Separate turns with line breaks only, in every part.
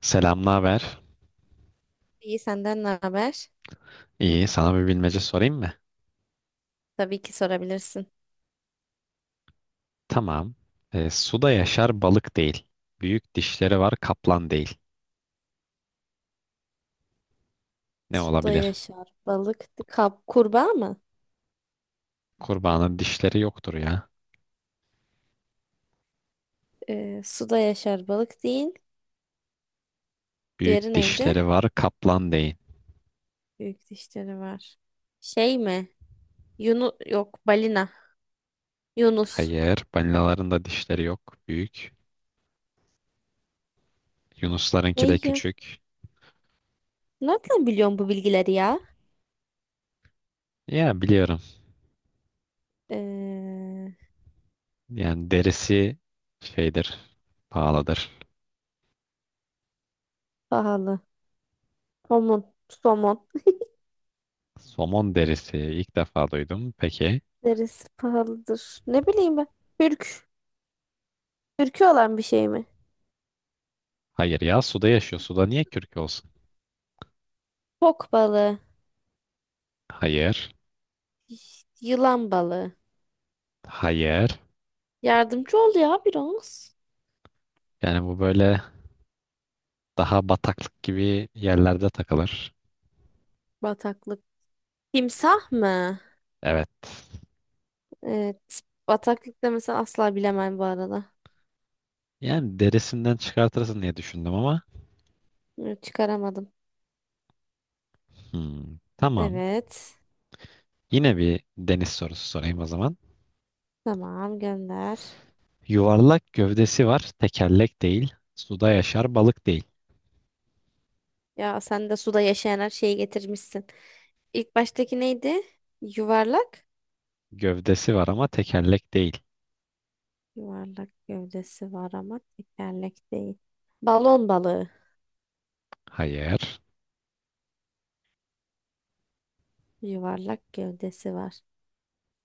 Selam, naber?
İyi, senden ne haber?
İyi, sana bir bilmece sorayım mı?
Tabii ki sorabilirsin.
Tamam. Suda yaşar balık değil. Büyük dişleri var kaplan değil. Ne
Suda
olabilir?
yaşar balık. Kap, kurbağa mı?
Kurbanın dişleri yoktur ya.
Suda yaşar balık değil. Diğeri
Büyük
neydi?
dişleri var kaplan değil.
Büyük dişleri var. Şey mi? Yunus yok balina. Yunus.
Hayır, balinaların da dişleri yok. Büyük. Yunuslarınki
Ne
de
ya?
küçük.
Nereden biliyorsun bu bilgileri ya?
Ya biliyorum.
Ee,
Yani derisi şeydir, pahalıdır.
Pahalı. Somon. Somon.
Somon derisi ilk defa duydum. Peki.
Neresi pahalıdır? Ne bileyim ben. Türk. Türkü olan bir şey mi?
Hayır ya suda yaşıyor. Suda niye kürk olsun?
Fok balığı.
Hayır.
Yılan balığı.
Hayır.
Yardımcı ol ya biraz.
Yani bu böyle daha bataklık gibi yerlerde takılır.
Bataklık. Timsah mı?
Evet.
Evet. Bataklıkta mesela asla bilemem bu arada.
Yani derisinden çıkartırsın diye düşündüm ama.
Bunu çıkaramadım.
Hmm, tamam.
Evet.
Yine bir deniz sorusu sorayım o zaman.
Tamam, gönder.
Yuvarlak gövdesi var, tekerlek değil. Suda yaşar, balık değil.
Ya sen de suda yaşayan her şeyi getirmişsin. İlk baştaki neydi? Yuvarlak.
Gövdesi var ama tekerlek değil.
Yuvarlak gövdesi var ama tekerlek değil. Balon balığı.
Hayır.
Yuvarlak gövdesi var.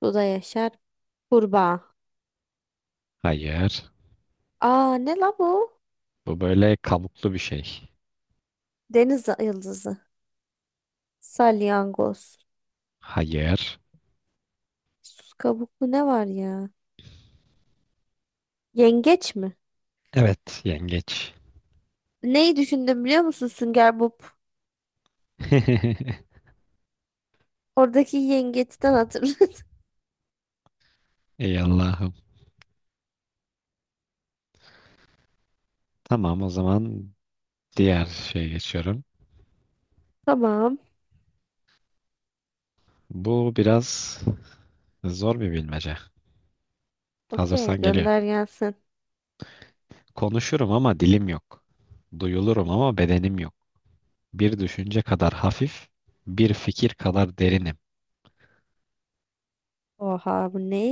Suda yaşar. Kurbağa.
Hayır.
Aa ne la bu?
Bu böyle kabuklu bir şey.
Deniz yıldızı. Salyangoz.
Hayır.
Sus kabuklu ne var ya? Yengeç mi?
Evet, yengeç.
Neyi düşündüm biliyor musun, Sünger Bob? Oradaki yengeçten hatırladım.
Ey Allah'ım. Tamam o zaman diğer şeye geçiyorum.
Tamam.
Bu biraz zor bir bilmece.
Okey,
Hazırsan geliyor.
gönder gelsin.
Konuşurum ama dilim yok. Duyulurum ama bedenim yok. Bir düşünce kadar hafif, bir fikir kadar derinim.
Oha bu ne?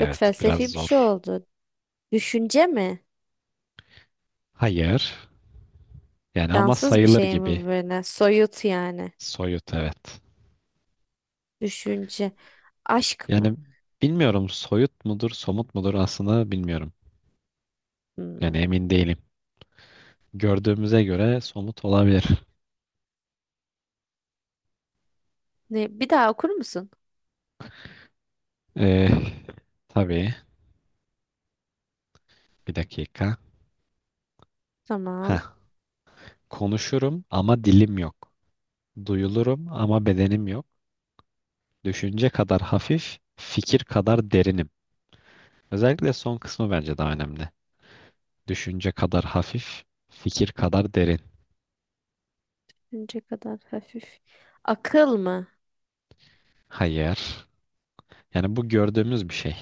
Çok
biraz
felsefi bir şey
zor.
oldu. Düşünce mi?
Hayır. Yani ama
Cansız bir
sayılır
şey mi
gibi.
bu böyle? Soyut yani.
Soyut, evet.
Düşünce. Aşk mı?
Yani bilmiyorum soyut mudur, somut mudur aslında bilmiyorum.
Hmm.
Yani emin değilim. Gördüğümüze göre somut olabilir.
Ne? Bir daha okur musun?
Ee, tabii. Bir dakika. Heh.
Tamam.
Konuşurum ama dilim yok. Duyulurum ama bedenim yok. Düşünce kadar hafif, fikir kadar derinim. Özellikle son kısmı bence daha önemli. Düşünce kadar hafif, fikir kadar derin.
Düşünce kadar hafif. Akıl mı?
Hayır. Yani bu gördüğümüz bir şey.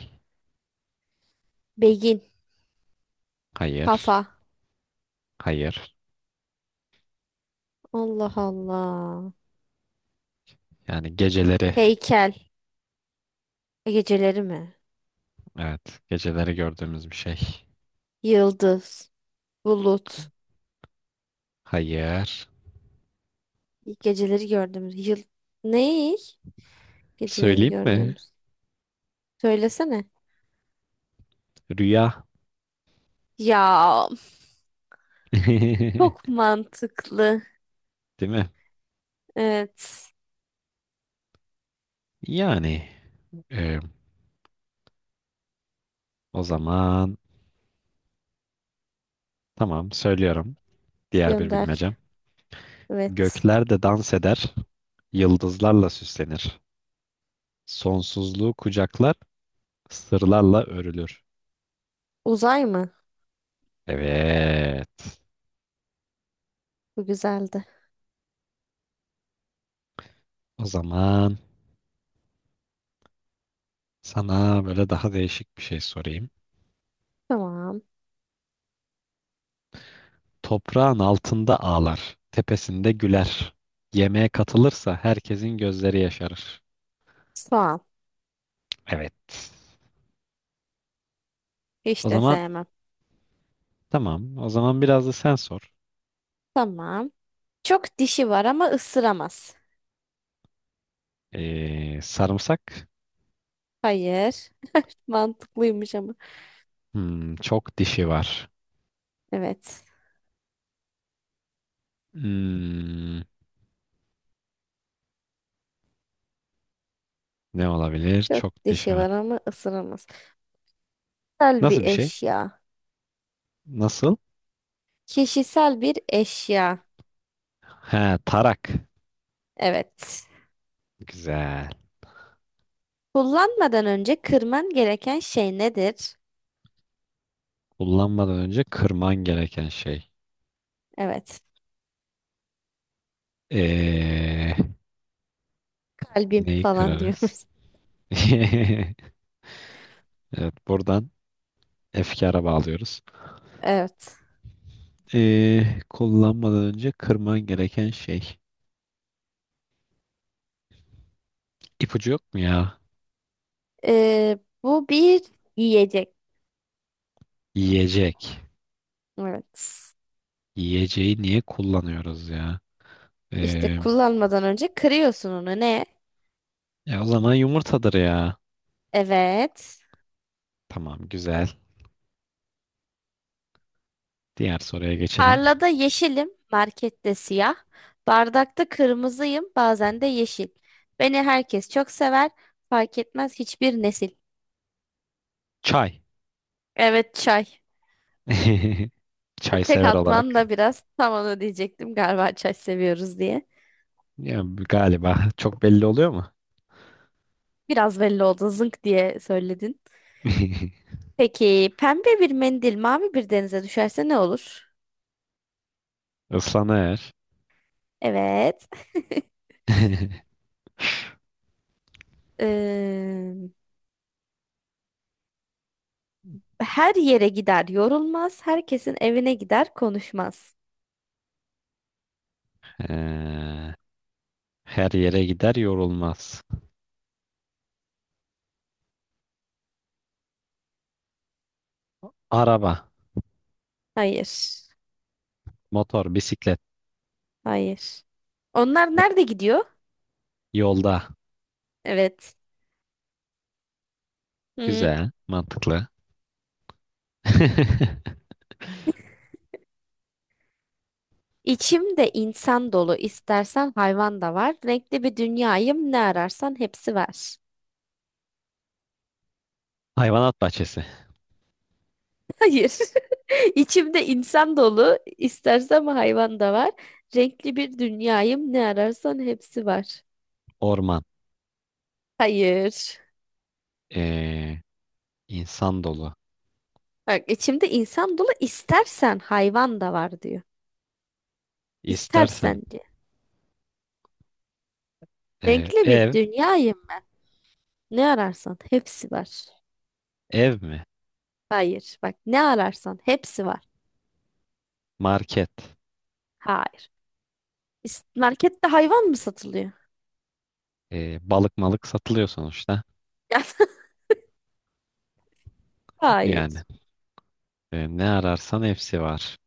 Beyin.
Hayır.
Kafa.
Hayır.
Allah Allah.
Yani geceleri,
Heykel. E, geceleri mi?
evet, geceleri gördüğümüz bir şey.
Yıldız. Bulut.
Hayır.
Geceleri gördüğümüz yıl. Ne? Geceleri
Söyleyeyim mi?
gördüğümüz. Söylesene.
Rüya.
Ya, çok mantıklı.
Değil mi?
Evet.
Yani e, o zaman tamam söylüyorum. Diğer bir
Gönder.
bilmecem.
Evet.
Gökler de dans eder, yıldızlarla süslenir. Sonsuzluğu kucaklar sırlarla örülür.
Uzay mı?
Evet.
Bu güzeldi.
O zaman sana böyle daha değişik bir şey sorayım.
Tamam.
Toprağın altında ağlar, tepesinde güler. Yemeğe katılırsa herkesin gözleri yaşarır.
Soğan.
Evet. O
Hiç de
zaman
sevmem.
tamam. O zaman biraz da sen sor.
Tamam. Çok dişi var ama ısıramaz.
Sarımsak.
Hayır. Mantıklıymış ama.
Hmm, çok dişi var.
Evet.
Hmm, ne olabilir?
Çok
Çok dişi
dişi var
var.
ama ısıramaz. Kişisel bir
Nasıl bir şey?
eşya.
Nasıl?
Kişisel bir eşya.
Ha, tarak.
Evet.
Güzel.
Kullanmadan önce kırman gereken şey nedir?
Kullanmadan önce kırman gereken şey.
Evet,
Ee,
kalbim
neyi
falan
kırarız?
diyoruz.
Evet, buradan efkara bağlıyoruz.
Evet.
Kullanmadan önce kırman gereken şey. İpucu yok mu ya?
Bu bir yiyecek.
Yiyecek.
Evet.
Yiyeceği niye kullanıyoruz ya?
İşte
Ee,
kullanmadan önce kırıyorsun onu. Ne?
o zaman yumurtadır ya.
Evet.
Tamam, güzel. Diğer soruya geçelim.
Tarlada yeşilim, markette siyah. Bardakta kırmızıyım, bazen de yeşil. Beni herkes çok sever, fark etmez hiçbir nesil.
Çay.
Evet, çay. Ben
Çay
tek
sever olarak.
atman da biraz tam onu diyecektim, galiba çay seviyoruz diye.
Ya, galiba çok belli oluyor mu?
Biraz belli oldu, zınk diye söyledin. Peki pembe bir mendil mavi bir denize düşerse ne olur?
Islanır.
Evet. Ee, Her yere gider yorulmaz. Herkesin evine gider konuşmaz.
Ee, her yere gider yorulmaz. Araba,
Hayır.
motor, bisiklet,
Hayır. Onlar nerede gidiyor?
yolda.
Evet. Hmm.
Güzel, mantıklı.
İçimde insan dolu, istersen hayvan da var. Renkli bir dünyayım, ne ararsan hepsi var.
Hayvanat bahçesi,
Hayır. İçimde insan dolu, istersem hayvan da var. Renkli bir dünyayım, ne ararsan hepsi var.
orman,
Hayır.
ee, insan dolu.
Bak, içimde insan dolu, istersen hayvan da var diyor.
İstersen
İstersen diyor. Renkli bir
ev,
dünyayım ben. Ne ararsan hepsi var.
ev mi?
Hayır. Bak, ne ararsan hepsi var.
Market,
Hayır. Markette hayvan mı satılıyor?
balık malık satılıyor sonuçta.
Hayır.
Yani ne ararsan hepsi var.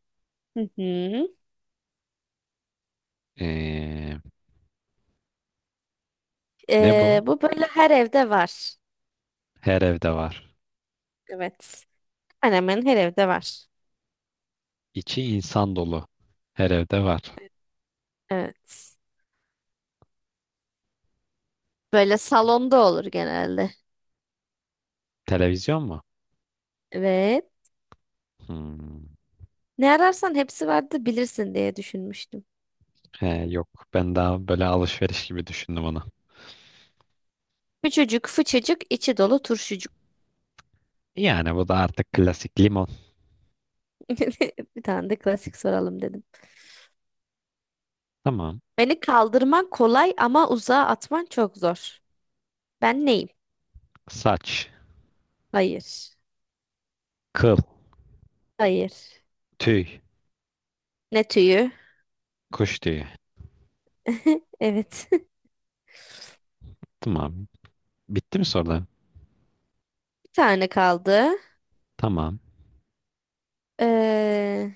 Hı hı.
Ee, ne bu?
Bu böyle her evde var.
Her evde var.
Evet. Hemen hemen her evde var.
İçi insan dolu. Her evde var.
Evet. Böyle salonda olur genelde.
Televizyon mu?
Evet.
Hmm.
Ne ararsan hepsi vardı bilirsin diye düşünmüştüm.
He, yok ben daha böyle alışveriş gibi düşündüm onu.
Küçücük, fıçıcık, içi dolu turşucuk.
Yani bu da artık klasik limon.
Bir tane de klasik soralım dedim.
Tamam.
Beni kaldırman kolay ama uzağa atman çok zor. Ben neyim?
Saç,
Hayır.
kıl,
Hayır.
tüy,
Ne tüyü?
kuş tüyü.
Evet.
Tamam. Bitti mi sorular?
Bir tane kaldı.
Tamam.
Ee,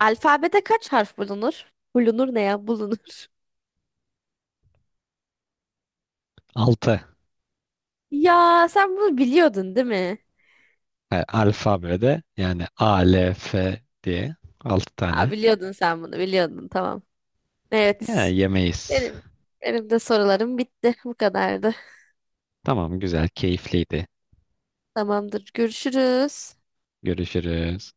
Alfabede kaç harf bulunur? Bulunur ne ya? Bulunur.
Altı.
Ya sen bunu biliyordun, değil mi?
E, alfabede yani A, L, F diye altı
Aa,
tane.
biliyordun, sen bunu biliyordun, tamam.
Ya
Evet,
yemeyiz.
benim benim de sorularım bitti, bu kadardı.
Tamam güzel keyifliydi.
Tamamdır, görüşürüz.
Görüşürüz.